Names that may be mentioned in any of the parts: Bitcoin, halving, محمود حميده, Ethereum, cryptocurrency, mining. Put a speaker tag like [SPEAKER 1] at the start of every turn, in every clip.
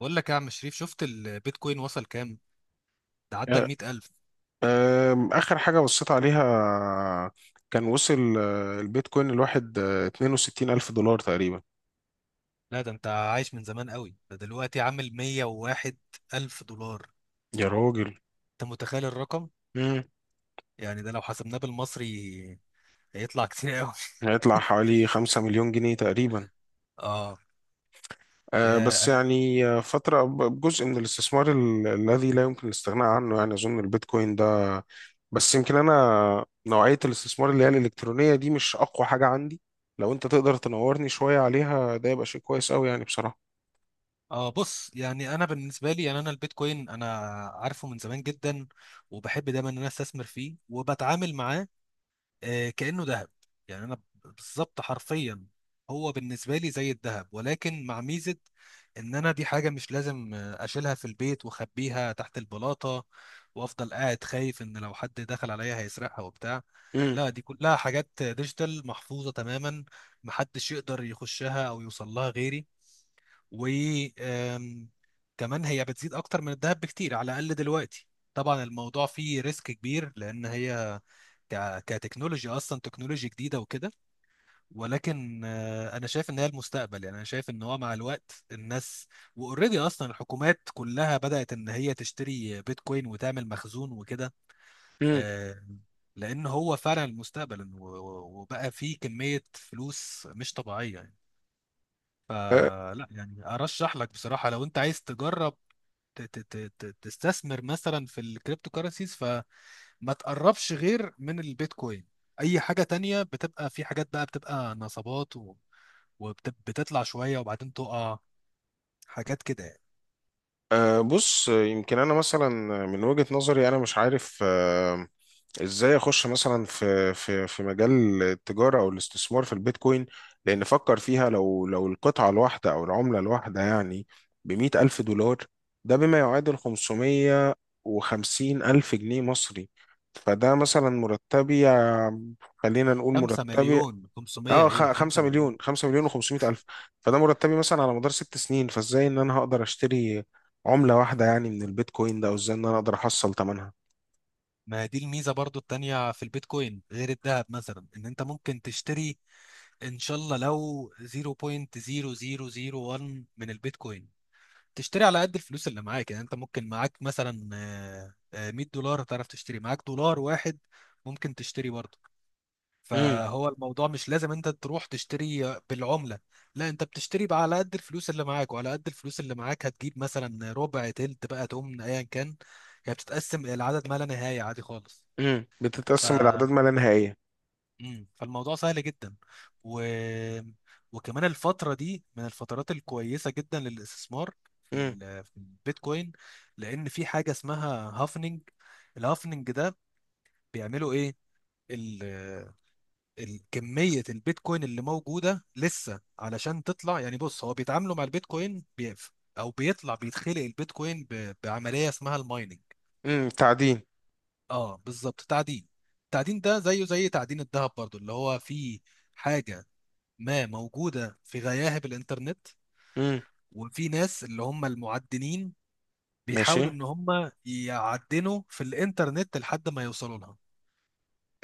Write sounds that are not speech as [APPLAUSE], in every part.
[SPEAKER 1] بقول لك يا عم شريف، شفت البيتكوين وصل كام؟ ده عدى ال
[SPEAKER 2] أه،
[SPEAKER 1] 100,000.
[SPEAKER 2] آخر حاجة بصيت عليها. كان وصل البيتكوين الواحد 62 ألف دولار تقريبا.
[SPEAKER 1] لا ده انت عايش من زمان قوي، ده دلوقتي عامل 101,000 ألف دولار.
[SPEAKER 2] يا راجل.
[SPEAKER 1] انت متخيل الرقم؟
[SPEAKER 2] مم.
[SPEAKER 1] يعني ده لو حسبناه بالمصري هيطلع كتير قوي.
[SPEAKER 2] هيطلع حوالي 5 مليون جنيه تقريبا.
[SPEAKER 1] [LAUGHS] اه. يا
[SPEAKER 2] بس
[SPEAKER 1] انا.
[SPEAKER 2] يعني فترة جزء من الاستثمار الذي لا يمكن الاستغناء عنه، يعني أظن البيتكوين ده. بس يمكن أنا نوعية الاستثمار اللي هي الإلكترونية دي مش أقوى حاجة عندي. لو أنت تقدر تنورني شوية عليها ده يبقى شيء كويس أوي يعني، بصراحة.
[SPEAKER 1] اه، بص يعني انا بالنسبه لي، يعني انا البيتكوين انا عارفه من زمان جدا، وبحب دايما ان انا استثمر فيه وبتعامل معاه. كأنه ذهب. يعني انا بالظبط حرفيا هو بالنسبه لي زي الذهب، ولكن مع ميزه ان انا دي حاجه مش لازم اشيلها في البيت واخبيها تحت البلاطه، وافضل قاعد خايف ان لو حد دخل عليا هيسرقها وبتاع.
[SPEAKER 2] مم.
[SPEAKER 1] لا دي كلها حاجات ديجيتال محفوظه تماما، محدش يقدر يخشها او يوصل لها غيري. و آم، كمان هي بتزيد اكتر من الذهب بكتير، على الاقل دلوقتي. طبعا الموضوع فيه ريسك كبير لان هي كتكنولوجيا اصلا تكنولوجيا جديده وكده، ولكن انا شايف ان هي المستقبل. يعني انا شايف ان هو مع الوقت الناس، واوريدي اصلا الحكومات كلها بدات ان هي تشتري بيتكوين وتعمل مخزون وكده. آه، لان هو فعلا المستقبل وبقى فيه كميه فلوس مش طبيعيه.
[SPEAKER 2] مم.
[SPEAKER 1] فلا يعني ارشح لك بصراحه لو انت عايز تجرب تستثمر مثلا في الكريبتو كارنسيز، فما تقربش غير من البيتكوين. اي حاجه تانية بتبقى، في حاجات بقى بتبقى نصبات، وبتطلع شويه وبعدين تقع، حاجات كده يعني.
[SPEAKER 2] أه، بص، يمكن انا مثلا من وجهة نظري انا مش عارف ازاي اخش مثلا في مجال التجارة او الاستثمار في البيتكوين. لان فكر فيها، لو القطعة الواحدة او العملة الواحدة يعني ب100 ألف دولار. ده بما يعادل 550 ألف جنيه مصري. فده مثلا مرتبي، خلينا نقول
[SPEAKER 1] 5
[SPEAKER 2] مرتبي.
[SPEAKER 1] مليون 500،
[SPEAKER 2] اه،
[SPEAKER 1] ايه 5
[SPEAKER 2] 5 مليون
[SPEAKER 1] مليون.
[SPEAKER 2] 5 مليون و500 الف. فده مرتبي مثلا على مدار 6 سنين. فازاي ان انا هقدر اشتري عملة واحدة يعني من البيتكوين ده، او ازاي ان انا اقدر احصل ثمنها.
[SPEAKER 1] ما دي الميزه برضو التانية في البيتكوين غير الذهب مثلا، ان انت ممكن تشتري ان شاء الله لو 0.0001 من البيتكوين. تشتري على قد الفلوس اللي معاك، يعني انت ممكن معاك مثلا $100 تعرف تشتري، معاك دولار واحد ممكن تشتري برضه.
[SPEAKER 2] امم.
[SPEAKER 1] فهو الموضوع مش لازم انت تروح تشتري بالعملة، لا انت بتشتري بقى على قد الفلوس اللي معاك، وعلى قد الفلوس اللي معاك هتجيب مثلا ربع تلت بقى، تقوم ايا كان. هي بتتقسم العدد ما لا نهاية عادي خالص. ف
[SPEAKER 2] بتتقسم الاعداد ما لا نهائية.
[SPEAKER 1] مم. فالموضوع سهل جدا. و... وكمان الفترة دي من الفترات الكويسة جدا للاستثمار في
[SPEAKER 2] امم.
[SPEAKER 1] ال... في البيتكوين، لأن في حاجة اسمها هافنج. الهافنج ده بيعملوا إيه؟ ال... كمية البيتكوين اللي موجودة لسه علشان تطلع، يعني بص هو بيتعاملوا مع البيتكوين أو بيطلع بيتخلق البيتكوين بعملية اسمها المايننج.
[SPEAKER 2] تعدين.
[SPEAKER 1] اه بالظبط تعدين. التعدين ده زيه زي تعدين الذهب برضو، اللي هو فيه حاجة ما موجودة في غياهب الإنترنت،
[SPEAKER 2] امم.
[SPEAKER 1] وفي ناس اللي هم المعدنين
[SPEAKER 2] ماشي.
[SPEAKER 1] بيحاولوا إن هم يعدنوا في الإنترنت لحد ما يوصلوا لها.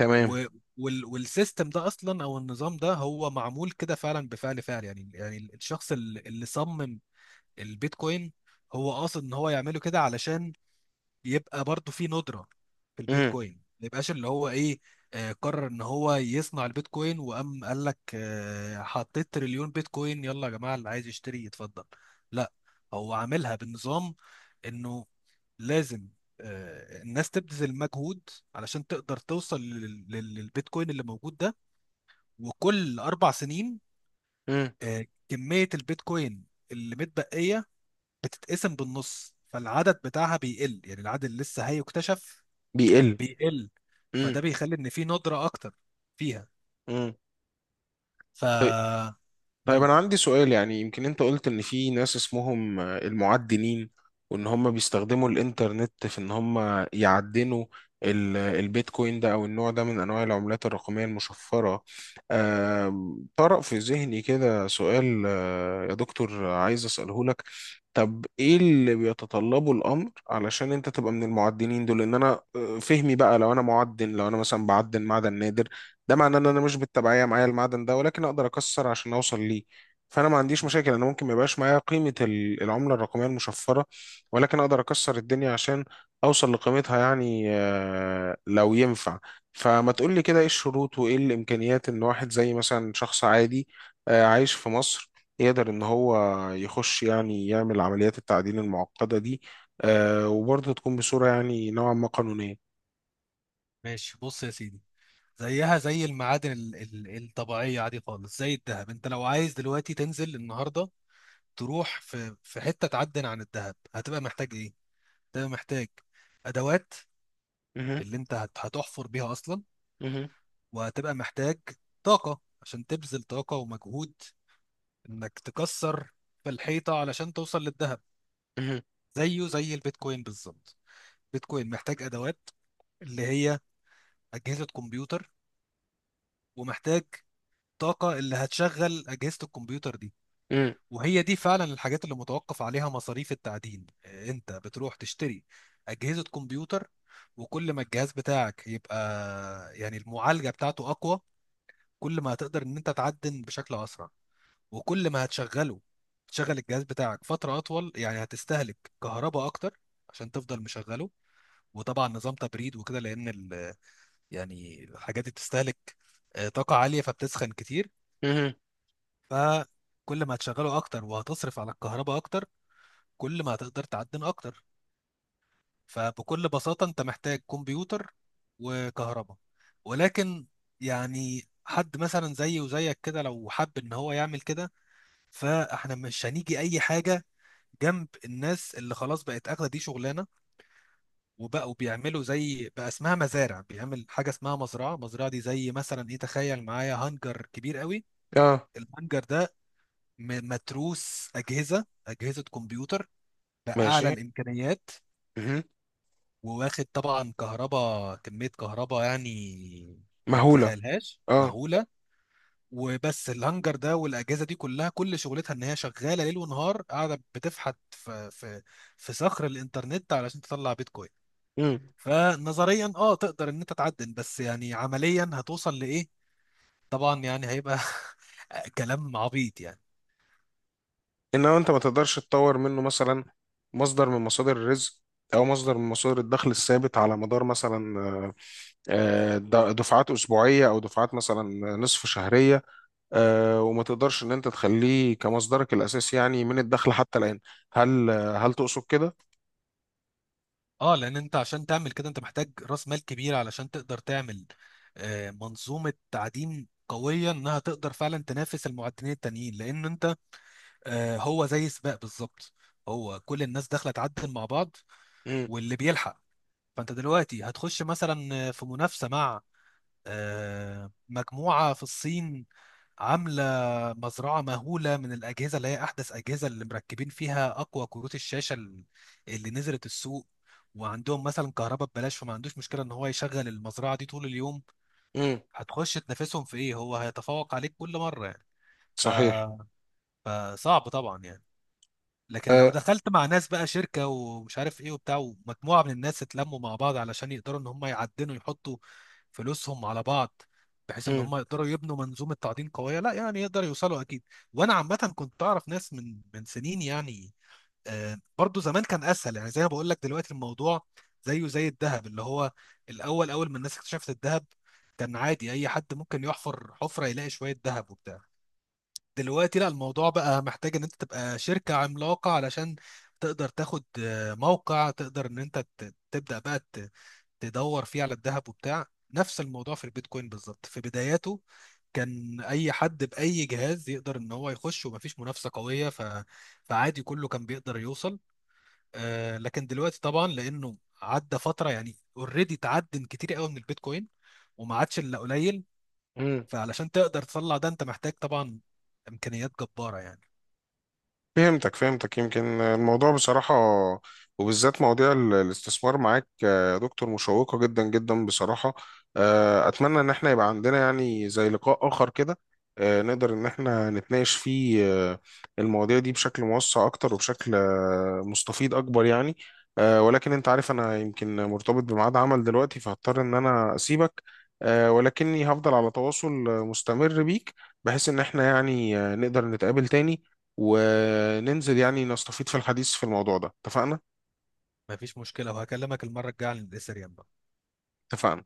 [SPEAKER 2] تمام.
[SPEAKER 1] و... والسيستم ده أصلا أو النظام ده هو معمول كده فعلا بفعل فعل، يعني يعني الشخص اللي صمم البيتكوين هو قاصد إن هو يعمله كده علشان يبقى برضو في ندرة في
[SPEAKER 2] امم.
[SPEAKER 1] البيتكوين، ما يبقاش اللي هو ايه، قرر ان هو يصنع البيتكوين وقام قال لك حطيت تريليون بيتكوين يلا يا جماعة اللي عايز يشتري يتفضل. لا، هو عاملها بالنظام انه لازم الناس تبذل مجهود علشان تقدر توصل للبيتكوين اللي موجود ده. وكل اربع سنين
[SPEAKER 2] امم.
[SPEAKER 1] كمية البيتكوين اللي متبقية بتتقسم بالنص، فالعدد بتاعها بيقل، يعني العدد اللي لسه هيكتشف
[SPEAKER 2] بيقل.
[SPEAKER 1] بيقل.
[SPEAKER 2] امم.
[SPEAKER 1] فده بيخلي ان في ندرة اكتر فيها.
[SPEAKER 2] امم.
[SPEAKER 1] ف
[SPEAKER 2] طيب،
[SPEAKER 1] مم.
[SPEAKER 2] أنا عندي سؤال. يعني يمكن أنت قلت إن في ناس اسمهم المعدنين، وإن هم بيستخدموا الإنترنت في إن هم يعدنوا البيتكوين ده، أو النوع ده من أنواع العملات الرقمية المشفرة. طرأ في ذهني كده سؤال، يا دكتور، عايز أسأله لك. طب إيه اللي بيتطلبه الأمر علشان أنت تبقى من المعدنين دول؟ إن أنا فهمي بقى، لو أنا معدن، لو أنا مثلا بعدن معدن نادر، ده معناه ان انا مش بالتبعيه معايا المعدن ده، ولكن اقدر اكسر عشان اوصل ليه. فانا ما عنديش مشاكل، انا ممكن ما يبقاش معايا قيمه العمله الرقميه المشفره، ولكن اقدر اكسر الدنيا عشان اوصل لقيمتها، يعني لو ينفع. فما تقول لي كده، ايه الشروط وايه الامكانيات ان واحد زي مثلا شخص عادي عايش في مصر يقدر ان هو يخش يعني يعمل عمليات التعدين المعقده دي، وبرضه تكون بصوره يعني نوعا ما قانونيه.
[SPEAKER 1] ماشي بص يا سيدي، زيها زي المعادن الطبيعية عادي خالص. زي الذهب، انت لو عايز دلوقتي تنزل النهاردة تروح في حتة تعدن عن الذهب هتبقى محتاج ايه؟ هتبقى محتاج ادوات
[SPEAKER 2] مهم.
[SPEAKER 1] اللي انت هتحفر بيها اصلا،
[SPEAKER 2] مهم.
[SPEAKER 1] وهتبقى محتاج طاقة عشان تبذل طاقة ومجهود انك تكسر في الحيطة علشان توصل للذهب.
[SPEAKER 2] مهم.
[SPEAKER 1] زيه زي البيتكوين بالظبط، بيتكوين محتاج ادوات اللي هي اجهزه كمبيوتر، ومحتاج طاقه اللي هتشغل اجهزه الكمبيوتر دي.
[SPEAKER 2] مهم.
[SPEAKER 1] وهي دي فعلا الحاجات اللي متوقف عليها مصاريف التعدين. انت بتروح تشتري اجهزه كمبيوتر، وكل ما الجهاز بتاعك يبقى يعني المعالجه بتاعته اقوى، كل ما هتقدر ان انت تعدن بشكل اسرع. وكل ما هتشغله، تشغل الجهاز بتاعك فتره اطول، يعني هتستهلك كهرباء اكتر عشان تفضل مشغله، وطبعا نظام تبريد وكده، يعني الحاجات دي بتستهلك طاقة عالية فبتسخن كتير.
[SPEAKER 2] مهم.
[SPEAKER 1] فكل ما هتشغله أكتر وهتصرف على الكهرباء أكتر، كل ما هتقدر تعدن أكتر. فبكل بساطة أنت محتاج كمبيوتر وكهرباء. ولكن يعني حد مثلا زيي وزيك كده لو حب إن هو يعمل كده، فإحنا مش هنيجي أي حاجة جنب الناس اللي خلاص بقت اخده دي شغلانه، وبقوا بيعملوا زي بقى اسمها مزارع، بيعمل حاجه اسمها مزرعه. مزرعه دي زي مثلا ايه، تخيل معايا هانجر كبير قوي.
[SPEAKER 2] اه.
[SPEAKER 1] الهانجر ده متروس اجهزه كمبيوتر باعلى
[SPEAKER 2] ماشي.
[SPEAKER 1] الامكانيات،
[SPEAKER 2] مهم.
[SPEAKER 1] وواخد طبعا كهرباء، كميه كهرباء يعني ما
[SPEAKER 2] مهولة.
[SPEAKER 1] نتخيلهاش،
[SPEAKER 2] اه.
[SPEAKER 1] مهوله. وبس الهانجر ده والاجهزه دي كلها كل شغلتها ان هي شغاله ليل ونهار، قاعده بتفحت في في صخر الانترنت علشان تطلع بيتكوين.
[SPEAKER 2] مم.
[SPEAKER 1] فنظريا اه تقدر ان انت تعدل، بس يعني عمليا هتوصل لايه؟ طبعا يعني هيبقى [LAUGHS] كلام عبيط يعني.
[SPEAKER 2] انما انت ما تقدرش تطور منه مثلا مصدر من مصادر الرزق او مصدر من مصادر الدخل الثابت على مدار مثلا دفعات اسبوعيه او دفعات مثلا نصف شهريه، وما تقدرش ان انت تخليه كمصدرك الاساسي يعني من الدخل حتى الان. هل تقصد كده؟
[SPEAKER 1] اه لان انت عشان تعمل كده انت محتاج راس مال كبير علشان تقدر تعمل منظومه تعدين قويه انها تقدر فعلا تنافس المعدنين التانيين، لان انت، هو زي سباق بالظبط، هو كل الناس داخله تعدل مع بعض
[SPEAKER 2] مم.
[SPEAKER 1] واللي بيلحق. فانت دلوقتي هتخش مثلا في منافسه مع مجموعة في الصين عاملة مزرعة مهولة من الأجهزة اللي هي أحدث أجهزة، اللي مركبين فيها أقوى كروت الشاشة اللي نزلت السوق، وعندهم مثلا كهرباء ببلاش فما عندوش مشكلة إن هو يشغل المزرعة دي طول اليوم.
[SPEAKER 2] مم.
[SPEAKER 1] هتخش تنافسهم في إيه، هو هيتفوق عليك كل مرة يعني. ف...
[SPEAKER 2] صحيح.
[SPEAKER 1] فصعب طبعا يعني. لكن لو
[SPEAKER 2] آه.
[SPEAKER 1] دخلت مع ناس بقى شركة ومش عارف ايه وبتاع، ومجموعة من الناس اتلموا مع بعض علشان يقدروا ان هم يعدنوا، يحطوا فلوسهم على بعض بحيث ان
[SPEAKER 2] مم.
[SPEAKER 1] هم يقدروا يبنوا منظومة تعدين قوية، لا يعني يقدروا يوصلوا اكيد. وانا عامة كنت اعرف ناس من سنين يعني، آه برضو زمان كان اسهل. يعني زي ما بقول لك دلوقتي الموضوع زيه زي الذهب، اللي هو الاول، اول ما الناس اكتشفت الذهب كان عادي اي حد ممكن يحفر حفرة يلاقي شوية ذهب وبتاع. دلوقتي لا، الموضوع بقى محتاج ان انت تبقى شركة عملاقة علشان تقدر تاخد موقع تقدر ان انت تبدأ بقى تدور فيه على الذهب وبتاع. نفس الموضوع في البيتكوين بالظبط، في بداياته كان اي حد باي جهاز يقدر ان هو يخش ومفيش منافسة قوية، ف... فعادي كله كان بيقدر يوصل. لكن دلوقتي طبعا لانه عدى فترة يعني، اوريدي اتعدم كتير قوي من البيتكوين وما عادش الا قليل.
[SPEAKER 2] مم.
[SPEAKER 1] فعلشان تقدر تطلع ده انت محتاج طبعا امكانيات جبارة يعني.
[SPEAKER 2] فهمتك فهمتك، يمكن الموضوع بصراحة، وبالذات مواضيع الاستثمار معاك يا دكتور مشوقة جدا جدا، بصراحة. أتمنى إن احنا يبقى عندنا يعني زي لقاء آخر كده، نقدر إن احنا نتناقش فيه آه، المواضيع دي بشكل موسع أكتر وبشكل مستفيض أكبر يعني. ولكن أنت عارف أنا يمكن مرتبط بميعاد عمل دلوقتي، فهضطر إن أنا أسيبك. ولكني هفضل على تواصل مستمر بيك، بحيث إن احنا يعني نقدر نتقابل تاني وننزل يعني نستفيد في الحديث في الموضوع ده. اتفقنا؟
[SPEAKER 1] مفيش مشكلة، وهكلمك المرة الجاية عن الإثريوم.
[SPEAKER 2] اتفقنا